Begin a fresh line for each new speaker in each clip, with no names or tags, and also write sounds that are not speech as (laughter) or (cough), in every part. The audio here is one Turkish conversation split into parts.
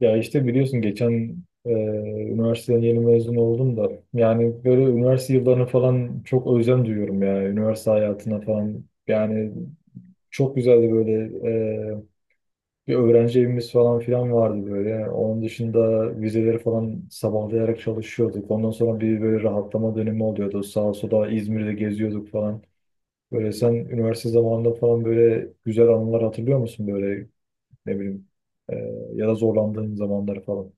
Ya işte biliyorsun geçen üniversiteden yeni mezun oldum da, yani böyle üniversite yıllarını falan çok özlem duyuyorum ya, üniversite hayatına falan. Yani çok güzeldi böyle. e, Bir öğrenci evimiz falan filan vardı böyle. Onun dışında vizeleri falan sabahlayarak çalışıyorduk, ondan sonra bir böyle rahatlama dönemi oluyordu, sağa sola İzmir'de geziyorduk falan. Böyle sen üniversite zamanında falan böyle güzel anılar hatırlıyor musun böyle, ne bileyim, e, ya da zorlandığın zamanları falan.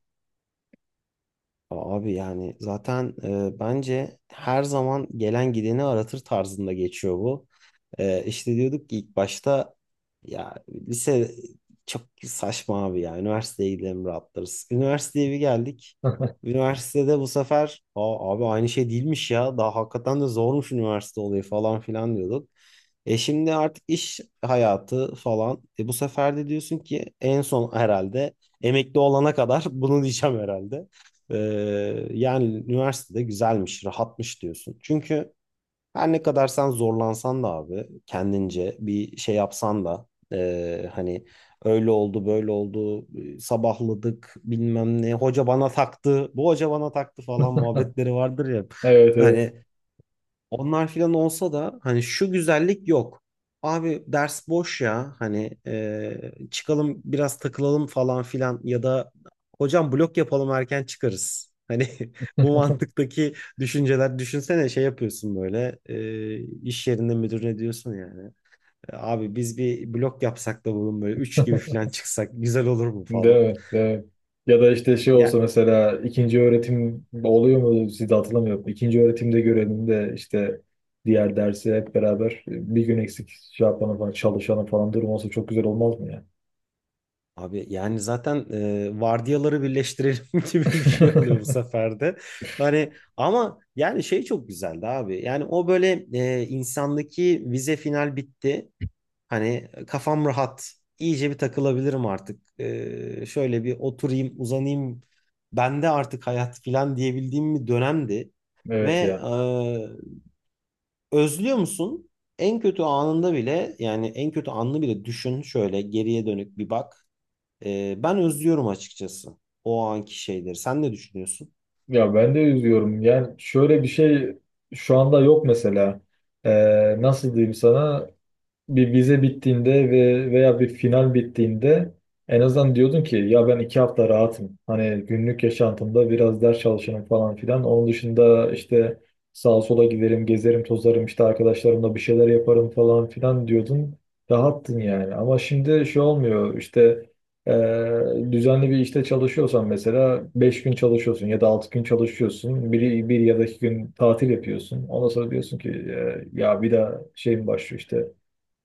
Abi yani zaten bence her zaman gelen gideni aratır tarzında geçiyor bu. İşte diyorduk ki ilk başta ya lise çok saçma abi ya üniversiteye gidelim rahatlarız. Üniversiteye bir geldik. Üniversitede bu sefer Aa, abi aynı şey değilmiş ya daha hakikaten de zormuş üniversite olayı falan filan diyorduk. E şimdi artık iş hayatı falan. E bu sefer de diyorsun ki en son herhalde emekli olana kadar (laughs) bunu diyeceğim herhalde. Ee, Yani üniversitede güzelmiş, rahatmış diyorsun. Çünkü her ne kadar sen zorlansan da abi kendince bir şey yapsan da hani öyle oldu böyle oldu sabahladık bilmem ne hoca bana taktı bu hoca bana taktı falan muhabbetleri vardır ya.
Evet, evet.
Hani onlar filan olsa da hani şu güzellik yok. Abi ders boş ya hani çıkalım biraz takılalım falan filan ya da hocam blok yapalım erken çıkarız. Hani (laughs) bu mantıktaki düşünceler düşünsene şey yapıyorsun böyle iş yerinde müdürüne diyorsun yani. "E, abi biz bir blok yapsak da bugün böyle 3 gibi filan çıksak güzel olur mu
Değil
falan.
mi? Değil mi? Ya da işte şey olsa,
Ya
mesela ikinci öğretim oluyor mu sizde, hatırlamıyorum. İkinci öğretimde görelim de işte diğer dersi hep beraber bir gün eksik şey yapalım falan, çalışalım falan, durum olsa çok güzel olmaz mı ya?
abi yani zaten vardiyaları birleştirelim (laughs) gibi bir şey oluyor bu
(laughs)
sefer de. Hani ama yani şey çok güzeldi abi. Yani o böyle insandaki vize final bitti. Hani kafam rahat. İyice bir takılabilirim artık. E, şöyle bir oturayım, uzanayım. Bende artık hayat falan diyebildiğim bir dönemdi. Ve
Evet ya.
özlüyor musun? En kötü anında bile yani en kötü anını bile düşün şöyle geriye dönük bir bak. Ben özlüyorum açıkçası o anki şeyleri. Sen ne düşünüyorsun?
Ya ben de üzüyorum. Yani şöyle bir şey, şu anda yok mesela. Nasıl diyeyim sana? Bir vize bittiğinde ve veya bir final bittiğinde, en azından diyordun ki ya ben iki hafta rahatım. Hani günlük yaşantımda biraz ders çalışırım falan filan. Onun dışında işte sağa sola giderim, gezerim, tozarım, işte arkadaşlarımla bir şeyler yaparım falan filan diyordun. Rahattın yani. Ama şimdi şey olmuyor işte, e, düzenli bir işte çalışıyorsan mesela 5 gün çalışıyorsun ya da 6 gün çalışıyorsun. Bir ya da iki gün tatil yapıyorsun. Ondan sonra diyorsun ki ya bir daha şeyim başlıyor işte,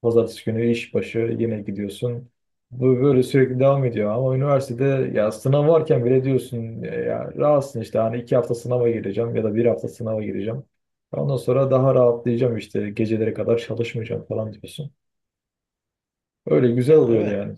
Pazartesi günü iş başı yine gidiyorsun. Bu böyle sürekli devam ediyor. Ama üniversitede ya sınav varken bile diyorsun ya rahatsın işte, hani iki hafta sınava gireceğim ya da bir hafta sınava gireceğim. Ondan sonra daha rahatlayacağım, işte gecelere kadar çalışmayacağım falan diyorsun. Öyle güzel
Ya
oluyordu
evet.
yani.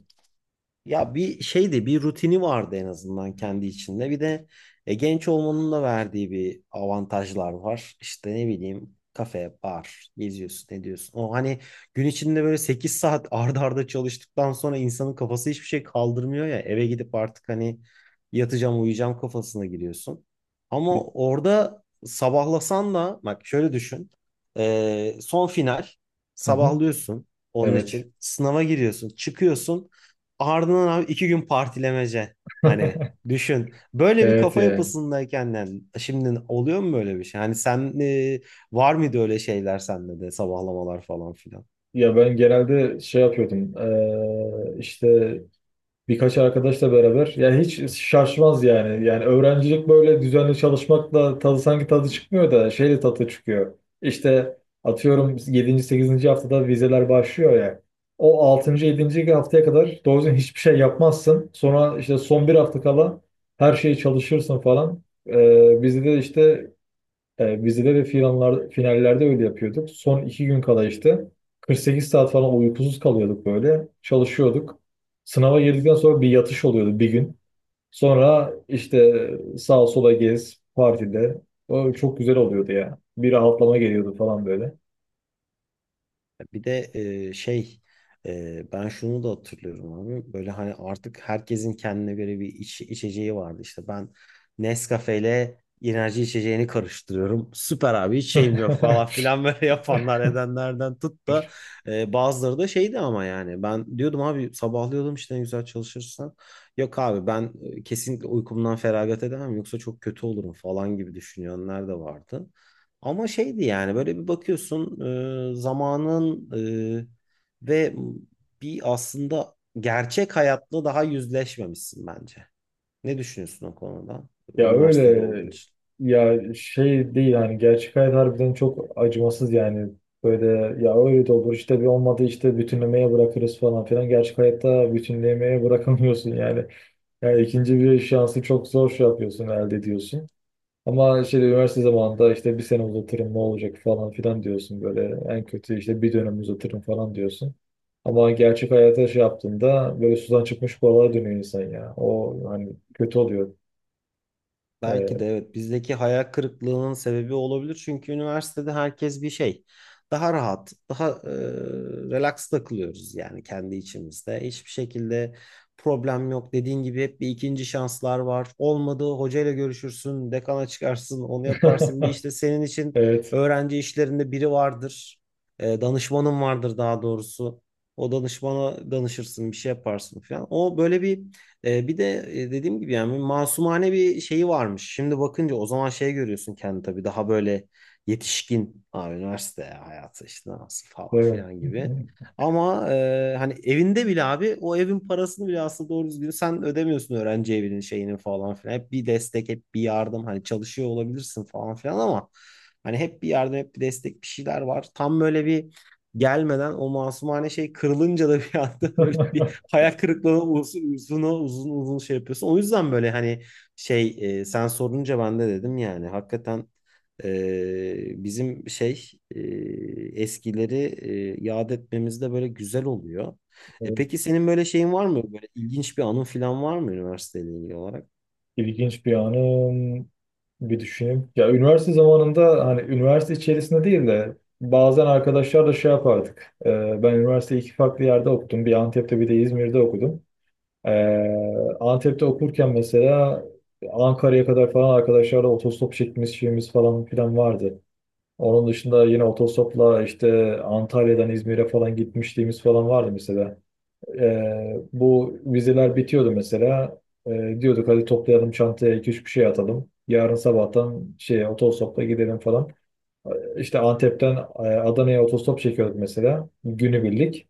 Ya bir şeydi, bir rutini vardı en azından kendi içinde. Bir de genç olmanın da verdiği bir avantajlar var. İşte ne bileyim kafe, bar, geziyorsun, ne diyorsun. O hani gün içinde böyle 8 saat (laughs) arda arda çalıştıktan sonra insanın kafası hiçbir şey kaldırmıyor ya. Eve gidip artık hani yatacağım, uyuyacağım kafasına giriyorsun. Ama orada sabahlasan da bak şöyle düşün. E, son final
Hı hı.
sabahlıyorsun onun
Evet.
için. Sınava giriyorsun, çıkıyorsun. Ardından abi iki gün partilemece. Hani
(laughs)
düşün. Böyle bir
Evet
kafa
yani.
yapısındayken yani şimdi oluyor mu böyle bir şey? Hani sen var mıydı öyle şeyler sende de sabahlamalar falan filan?
Ya ben genelde şey yapıyordum. İşte birkaç arkadaşla beraber. Yani hiç şaşmaz yani. Yani öğrencilik böyle düzenli çalışmakla tadı sanki çıkmıyor da şeyle tadı çıkıyor. İşte atıyorum yedinci sekizinci haftada vizeler başlıyor ya. O altıncı yedinci haftaya kadar doğru düzgün hiçbir şey yapmazsın. Sonra işte son bir hafta kala her şeyi çalışırsın falan. Bizde de işte e, bizde de finaller, finallerde öyle yapıyorduk. Son iki gün kala işte 48 saat falan uykusuz kalıyorduk böyle. Çalışıyorduk. Sınava girdikten sonra bir yatış oluyordu bir gün. Sonra işte sağa sola gez partide. O çok güzel oluyordu ya. Bir rahatlama geliyordu falan böyle.
Bir de e, şey ben şunu da hatırlıyorum abi. Böyle hani artık herkesin kendine göre bir içeceği vardı. İşte ben Nescafe ile enerji içeceğini karıştırıyorum. Süper abi hiç şeyim yok falan
(laughs)
filan böyle (laughs) yapanlar edenlerden tut da bazıları da şeydi ama yani ben diyordum abi sabahlıyordum işte ne güzel çalışırsan. Yok abi ben kesinlikle uykumdan feragat edemem yoksa çok kötü olurum falan gibi düşünenler de vardı. Ama şeydi yani böyle bir bakıyorsun e, zamanın e, ve bir aslında gerçek hayatla daha yüzleşmemişsin bence. Ne düşünüyorsun o konuda?
Ya
Üniversitede olduğun
öyle,
için.
ya şey değil, hani gerçek hayat harbiden çok acımasız yani. Böyle ya öyle de olur işte, bir olmadı işte bütünlemeye bırakırız falan filan, gerçek hayatta bütünlemeye bırakamıyorsun yani. Yani ikinci bir şansı çok zor şey yapıyorsun, elde ediyorsun. Ama şey üniversite zamanında işte bir sene uzatırım ne olacak falan filan diyorsun böyle, en kötü işte bir dönem uzatırım falan diyorsun. Ama gerçek hayata şey yaptığında böyle sudan çıkmış balığa dönüyor insan ya. O hani kötü oluyor.
Belki de evet bizdeki hayal kırıklığının sebebi olabilir. Çünkü üniversitede herkes bir şey. Daha rahat, daha relax takılıyoruz yani kendi içimizde. Hiçbir şekilde problem yok. Dediğin gibi hep bir ikinci şanslar var. Olmadı hocayla görüşürsün, dekana çıkarsın, onu
Ee,
yaparsın. Bir
(laughs)
işte senin için
evet.
öğrenci işlerinde biri vardır. E, danışmanın vardır daha doğrusu. O danışmana danışırsın, bir şey yaparsın falan. O böyle bir dediğim gibi yani masumane bir şeyi varmış. Şimdi bakınca o zaman şey görüyorsun kendi tabii daha böyle yetişkin abi üniversite hayatı işte nasıl falan
Doğru.
filan gibi. Ama hani evinde bile abi o evin parasını bile aslında doğru düzgün sen ödemiyorsun öğrenci evinin şeyinin falan filan. Hep bir destek hep bir yardım hani çalışıyor olabilirsin falan filan ama hani hep bir yardım hep bir destek bir şeyler var. Tam böyle bir gelmeden o masumane şey kırılınca da bir anda (laughs) böyle bir
(laughs)
hayal kırıklığına uzun uzun uzun uzun şey yapıyorsun. O yüzden böyle hani şey sen sorunca ben de dedim yani hakikaten e, bizim şey e, eskileri yad etmemiz de böyle güzel oluyor. E
Evet,
peki senin böyle şeyin var mı? Böyle ilginç bir anın falan var mı üniversiteyle ilgili olarak?
İlginç bir anım. Bir düşüneyim. Ya üniversite zamanında hani üniversite içerisinde değil de bazen arkadaşlarla şey yapardık. Ben üniversiteyi iki farklı yerde okudum. Bir Antep'te bir de İzmir'de okudum. Ee, Antep'te okurken mesela Ankara'ya kadar falan arkadaşlarla otostop çekmemiz şeyimiz falan filan vardı. Onun dışında yine otostopla işte Antalya'dan İzmir'e falan gitmişliğimiz falan vardı mesela. Bu vizeler bitiyordu mesela. Diyorduk hadi toplayalım çantaya iki üç bir şey atalım, yarın sabahtan şey otostopla gidelim falan. İşte Antep'ten Adana'ya otostop çekiyorduk mesela. Günübirlik.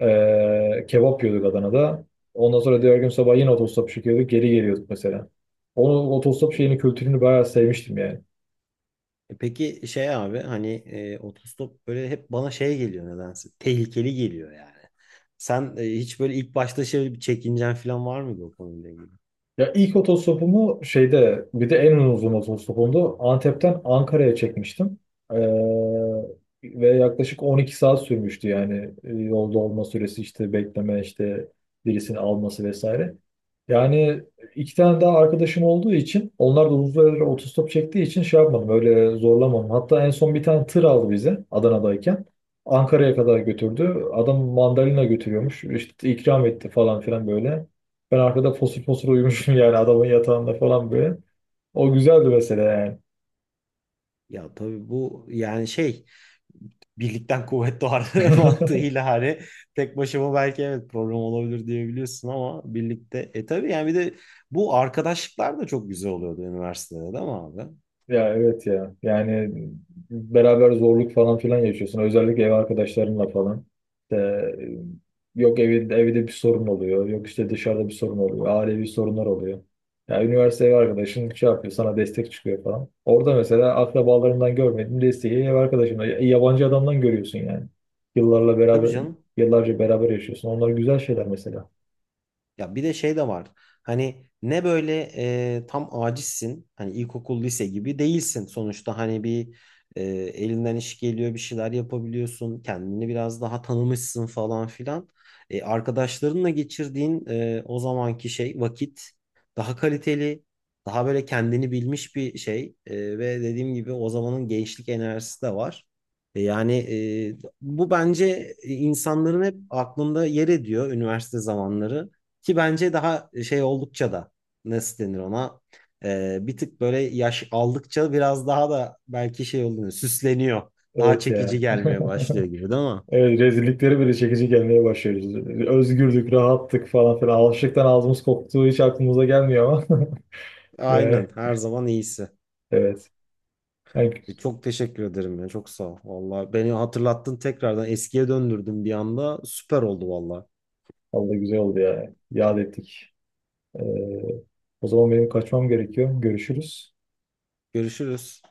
Kebap yiyorduk Adana'da. Ondan sonra diğer gün sabah yine otostop çekiyorduk. Geri geliyorduk mesela. Onu otostop şeyini, kültürünü bayağı sevmiştim yani.
E peki şey abi hani otostop böyle hep bana şey geliyor nedense. Tehlikeli geliyor yani. Sen hiç böyle ilk başta şey bir çekincen falan var mıydı o konuyla ilgili?
Ya ilk otostopumu şeyde, bir de en uzun otostopumdu. Antep'ten Ankara'ya çekmiştim. Ee, ve yaklaşık 12 saat sürmüştü yani. Yolda olma süresi, işte bekleme, işte birisini alması vesaire. Yani iki tane daha arkadaşım olduğu için, onlar da uzun süre otostop çektiği için şey yapmadım, öyle zorlamadım. Hatta en son bir tane tır aldı bizi Adana'dayken. Ankara'ya kadar götürdü. Adam mandalina götürüyormuş. İşte ikram etti falan filan böyle. Ben arkada fosur fosur uyumuşum yani, adamın yatağında falan böyle. O güzeldi mesela yani.
Ya tabii bu yani şey birlikten kuvvet doğar (laughs)
(laughs)
mantığıyla hani tek başıma belki evet problem olabilir diyebiliyorsun ama birlikte e tabii yani bir de bu arkadaşlıklar da çok güzel oluyordu üniversitede değil mi abi?
Ya evet ya. Yani beraber zorluk falan filan yaşıyorsun. Özellikle ev arkadaşlarınla falan. İşte, yok evinde, evde bir sorun oluyor. Yok işte dışarıda bir sorun oluyor. Ailevi sorunlar oluyor. Ya üniversite ev arkadaşın şey yapıyor, sana destek çıkıyor falan. Orada mesela akrabalarından görmediğin desteği ev arkadaşından, yabancı adamdan görüyorsun yani. Yıllarla
Tabii
beraber,
canım.
yıllarca beraber yaşıyorsun. Onlar güzel şeyler mesela.
Ya bir de şey de var. Hani ne böyle tam acizsin. Hani ilkokul, lise gibi değilsin. Sonuçta hani bir elinden iş geliyor, bir şeyler yapabiliyorsun. Kendini biraz daha tanımışsın falan filan. E, arkadaşlarınla geçirdiğin o zamanki şey vakit daha kaliteli, daha böyle kendini bilmiş bir şey. E, ve dediğim gibi o zamanın gençlik enerjisi de var. Yani bu bence insanların hep aklında yer ediyor üniversite zamanları. Ki bence daha şey oldukça da nasıl denir ona bir tık böyle yaş aldıkça biraz daha da belki şey oluyor süsleniyor. Daha
Evet
çekici
ya.
gelmeye başlıyor gibi değil
(laughs)
mi?
Evet, rezillikleri bile çekici gelmeye başlıyoruz. Özgürdük, rahattık falan filan. Alışıktan ağzımız koktuğu hiç aklımıza gelmiyor ama. (laughs) Yani,
Aynen her zaman iyisi.
evet. Yani,
Çok teşekkür ederim ya çok sağ ol. Valla beni hatırlattın tekrardan eskiye döndürdün bir anda süper oldu valla.
vallahi güzel oldu ya. Yad ettik. Ee, o zaman benim kaçmam gerekiyor. Görüşürüz.
Görüşürüz.